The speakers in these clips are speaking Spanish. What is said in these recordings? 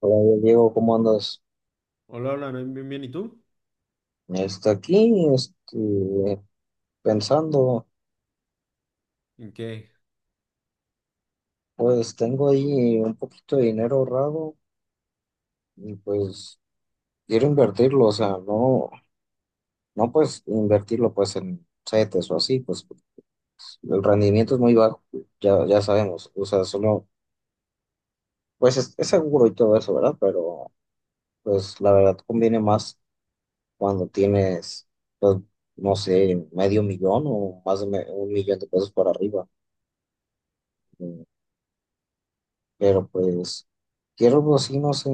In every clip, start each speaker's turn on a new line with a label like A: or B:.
A: Hola Diego, ¿cómo andas?
B: Hola, hola, bien, bien, bien, ¿y tú?
A: Está aquí, pensando.
B: ¿En qué?
A: Pues tengo ahí un poquito de dinero ahorrado y pues quiero invertirlo. O sea, no, no pues invertirlo pues en CETES o así, pues el rendimiento es muy bajo. Ya, ya sabemos, o sea, solo, pues es seguro y todo eso, ¿verdad? Pero pues la verdad conviene más cuando tienes, pues, no sé, 1/2 millón o más de 1 millón de pesos para arriba. Pero pues quiero algo así, no sé,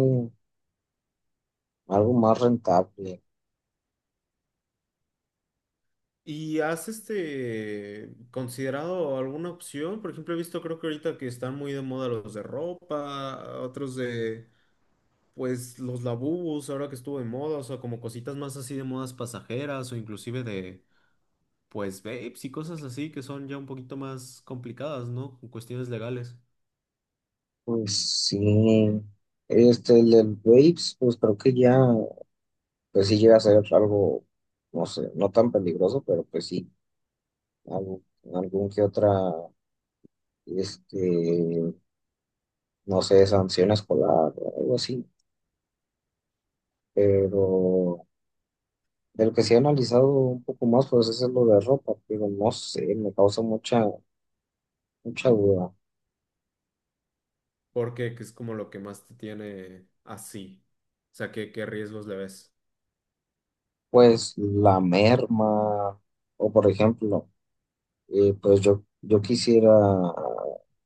A: algo más rentable.
B: ¿Y has considerado alguna opción? Por ejemplo, he visto, creo que ahorita que están muy de moda los de ropa, otros de, pues, los labubus, ahora que estuvo de moda, o sea, como cositas más así de modas pasajeras o inclusive de, pues, vapes y cosas así que son ya un poquito más complicadas, ¿no? Con cuestiones legales.
A: Pues sí, el del Waves, pues creo que ya, pues sí llega a ser algo, no sé, no tan peligroso, pero pues sí, algo, algún que otra, este, no sé, sanción escolar o algo así. Pero del que sí he analizado un poco más, pues es lo de ropa, pero no sé, me causa mucha, mucha duda.
B: Porque que es como lo que más te tiene así. O sea, ¿qué riesgos le ves?
A: Pues la merma, o por ejemplo, pues yo quisiera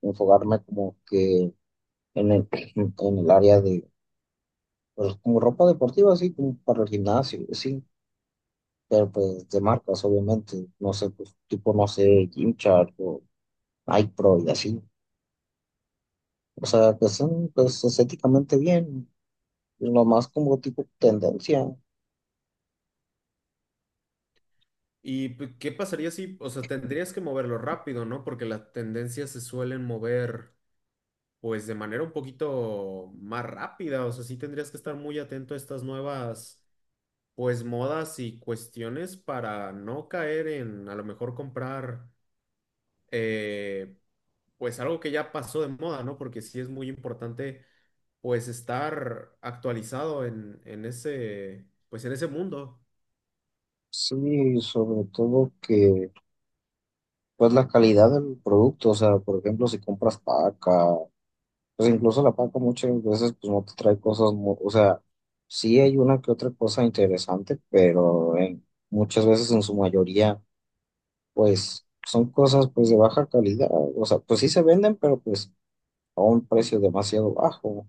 A: enfocarme como que en el área de, pues como ropa deportiva, así como para el gimnasio, sí, pero pues de marcas, obviamente, no sé, pues tipo, no sé, Gymshark o Nike Pro y así. O sea, que son pues estéticamente bien, lo más como tipo tendencia.
B: ¿Y qué pasaría si, o sea, tendrías que moverlo rápido, ¿no? Porque las tendencias se suelen mover, pues, de manera un poquito más rápida. O sea, sí tendrías que estar muy atento a estas nuevas, pues, modas y cuestiones para no caer en, a lo mejor, comprar, eh, pues, algo que ya pasó de moda, ¿no? Porque sí es muy importante, pues, estar actualizado en ese, pues, en ese mundo.
A: Sí, sobre todo que pues la calidad del producto, o sea, por ejemplo, si compras paca, pues incluso la paca muchas veces pues no te trae cosas, o sea, sí hay una que otra cosa interesante, pero muchas veces en su mayoría pues son cosas pues de baja calidad. O sea, pues sí se venden, pero pues a un precio demasiado bajo,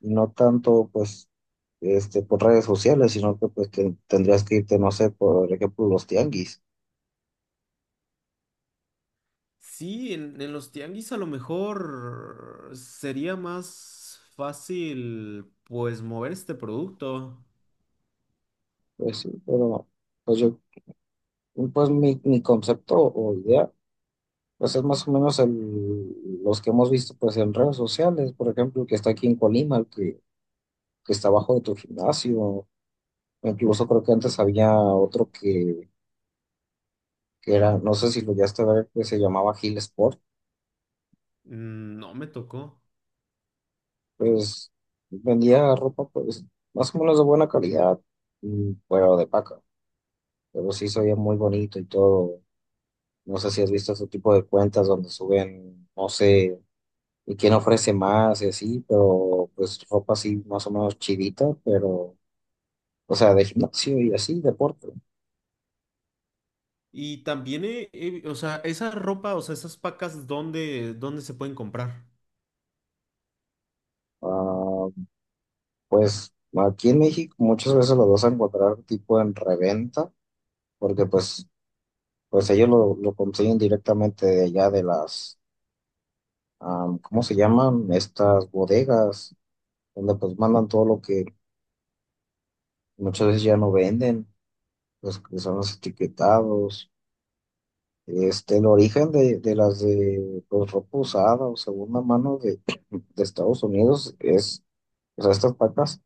A: no tanto pues por redes sociales, sino que pues tendrías que irte, no sé, por ejemplo, los tianguis.
B: Sí, en los tianguis a lo mejor sería más fácil pues mover este producto.
A: Pues sí, pero... Pues yo, pues mi concepto o idea, pues es más o menos los que hemos visto pues en redes sociales. Por ejemplo, el que está aquí en Colima, que está abajo de tu gimnasio. Incluso creo que antes había otro que era, no sé si lo llegaste a ver, que se llamaba Hill Sport.
B: Mm. No me tocó.
A: Pues vendía ropa pues más o menos de buena calidad, mm, pero de paca, pero sí se veía muy bonito y todo. No sé si has visto ese tipo de cuentas donde suben, no sé, y quién ofrece más y así, pero pues ropa así más o menos chidita, pero o sea, de gimnasio y así, deporte.
B: Y también, o sea, esa ropa, o sea, esas pacas, ¿dónde se pueden comprar?
A: Ah, pues aquí en México muchas veces lo vas a encontrar tipo en reventa, porque pues, pues ellos lo consiguen directamente de allá de las, am, ¿cómo se llaman? Estas bodegas, donde pues mandan todo lo que muchas veces ya no venden, pues que son los etiquetados. El origen de las de pues ropa usada o segunda mano de Estados Unidos es, o sea, estas patas,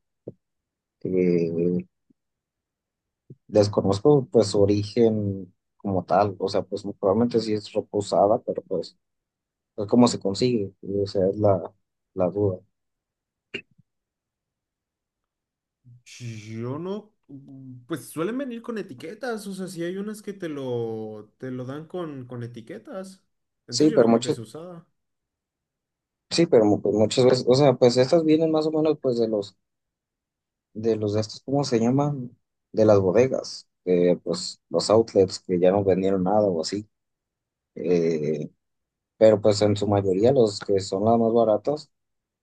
A: eh, desconozco pues su origen como tal. O sea, pues probablemente sí es ropa usada, pero pues, pues cómo se consigue, o sea, es la, la duda.
B: Yo no, pues suelen venir con etiquetas, o sea, si hay unas que te lo dan con etiquetas.
A: Sí,
B: Entonces yo
A: pero
B: no creo que
A: muchas,
B: sea usada.
A: sí, pero pues muchas veces, o sea, pues estas vienen más o menos pues de los de estos, ¿cómo se llaman? De las bodegas, pues los outlets que ya no vendieron nada o así, eh, pero pues en su mayoría los que son las más baratas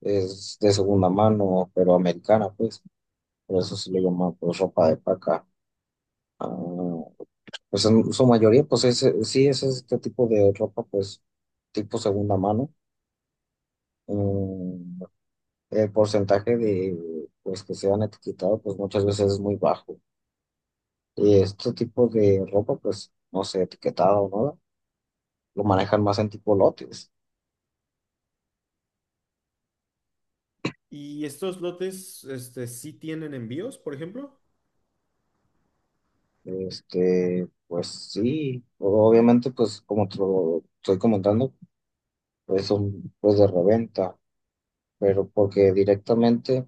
A: es de segunda mano, pero americana, pues, por eso se le llama pues ropa de paca. Ah, pues en su mayoría, pues sí, es este tipo de ropa, pues tipo segunda mano. Mm, el porcentaje de, pues, que sean etiquetado pues muchas veces es muy bajo. Y este tipo de ropa, pues, no sé, etiquetado o nada, lo manejan más en tipo lotes.
B: ¿Y estos lotes, este, sí tienen envíos, por ejemplo?
A: Pues sí, obviamente, pues, como te lo estoy comentando, pues son pues de reventa. Pero porque directamente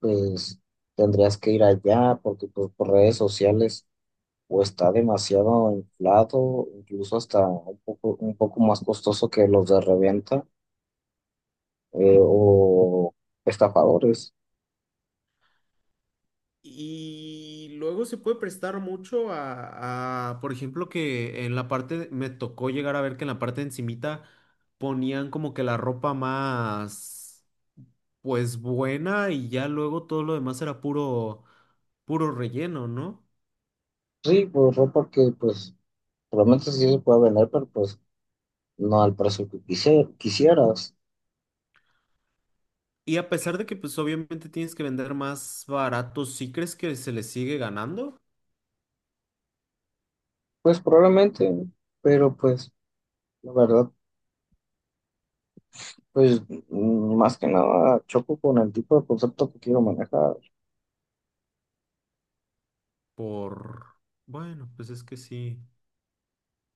A: pues tendrías que ir allá porque pues, por redes sociales o está demasiado inflado, incluso hasta un poco más costoso que los de reventa, o estafadores.
B: Y luego se puede prestar mucho a, por ejemplo, que en la parte, me tocó llegar a ver que en la parte de encimita ponían como que la ropa más, pues buena y ya luego todo lo demás era puro, puro relleno, ¿no?
A: Sí, pues ropa que pues probablemente sí se puede vender, pero pues no al precio que quisieras.
B: Y a pesar de que pues obviamente tienes que vender más barato, ¿sí crees que se le sigue ganando?
A: Pues probablemente, pero pues la verdad, pues mm, más que nada choco con el tipo de concepto que quiero manejar.
B: Por, bueno, pues es que sí,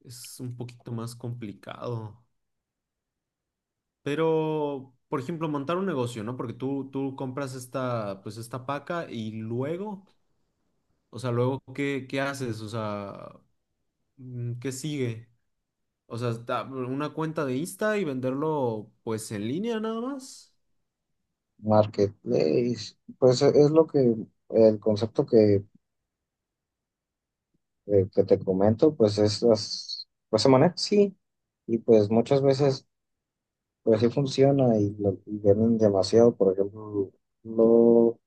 B: es un poquito más complicado. Pero, por ejemplo, montar un negocio, ¿no? Porque tú compras esta, pues esta paca y luego, o sea, luego, ¿qué haces? O sea, ¿qué sigue? O sea, una cuenta de Insta y venderlo, pues, en línea nada más.
A: Marketplace, pues es lo que el concepto que te comento, pues es las, pues se maneja así, y pues muchas veces pues sí funciona y, y venden demasiado. Por ejemplo, lo,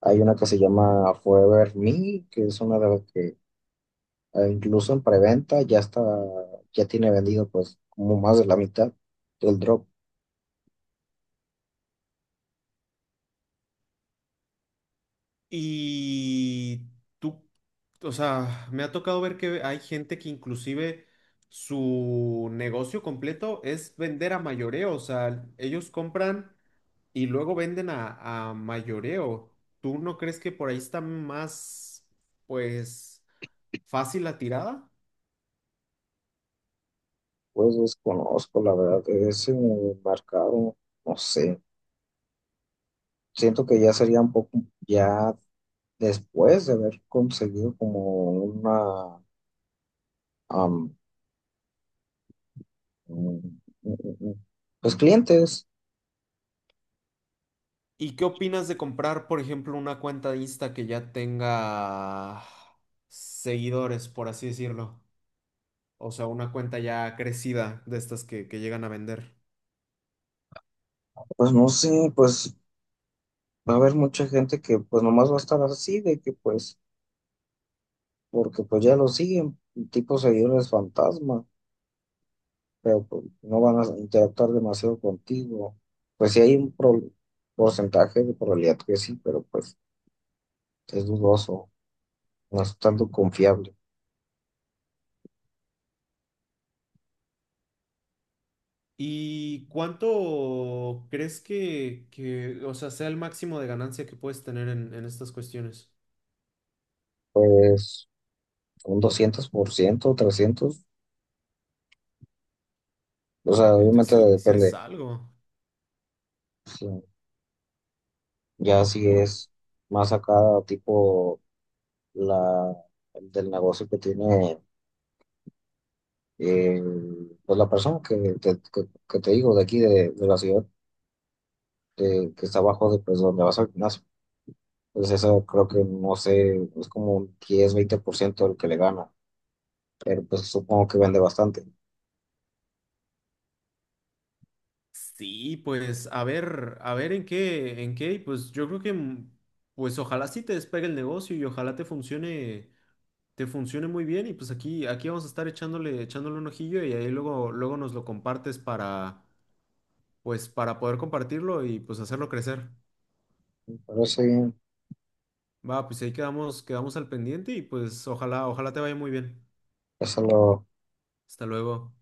A: hay una que se llama Forever Me, que es una de las que, incluso en preventa ya está, ya tiene vendido pues como más de la mitad del drop.
B: Y tú, o sea, me ha tocado ver que hay gente que inclusive su negocio completo es vender a mayoreo, o sea, ellos compran y luego venden a mayoreo. ¿Tú no crees que por ahí está más, pues, fácil la tirada?
A: Pues desconozco la verdad ese mercado, no sé. Siento que ya sería un poco, ya después de haber conseguido como una, am, un- un- un- pues clientes.
B: ¿Y qué opinas de comprar, por ejemplo, una cuenta de Insta que ya tenga seguidores, por así decirlo? O sea, una cuenta ya crecida de estas que llegan a vender.
A: Pues no sé, pues va a haber mucha gente que pues nomás va a estar así de que pues, porque pues ya lo siguen, tipo seguidores fantasma, pero pues no van a interactuar demasiado contigo. Pues sí hay un porcentaje de probabilidad que sí, pero pues es dudoso, no es tanto confiable.
B: ¿Y cuánto crees que, o sea, sea el máximo de ganancia que puedes tener en estas cuestiones?
A: Pues un 200%, 300%, o sea,
B: Entonces,
A: obviamente
B: sí, sí es
A: depende.
B: algo.
A: Sí. Ya si
B: Pues,
A: es más acá, tipo la del negocio que tiene, eh, pues la persona que te, que te digo de aquí de la ciudad, que está abajo de pues donde vas al gimnasio. Pues eso creo que no sé, es como un 10, 20% el que le gana, pero pues supongo que vende bastante.
B: sí, pues a ver en qué, y pues yo creo que, pues ojalá sí te despegue el negocio y ojalá te funcione muy bien y pues aquí vamos a estar echándole, echándole un ojillo y ahí luego, luego nos lo compartes para, pues para poder compartirlo y pues hacerlo crecer.
A: Pero sí,
B: Va, pues ahí quedamos, quedamos al pendiente y pues ojalá, ojalá te vaya muy bien.
A: eso lo
B: Hasta luego.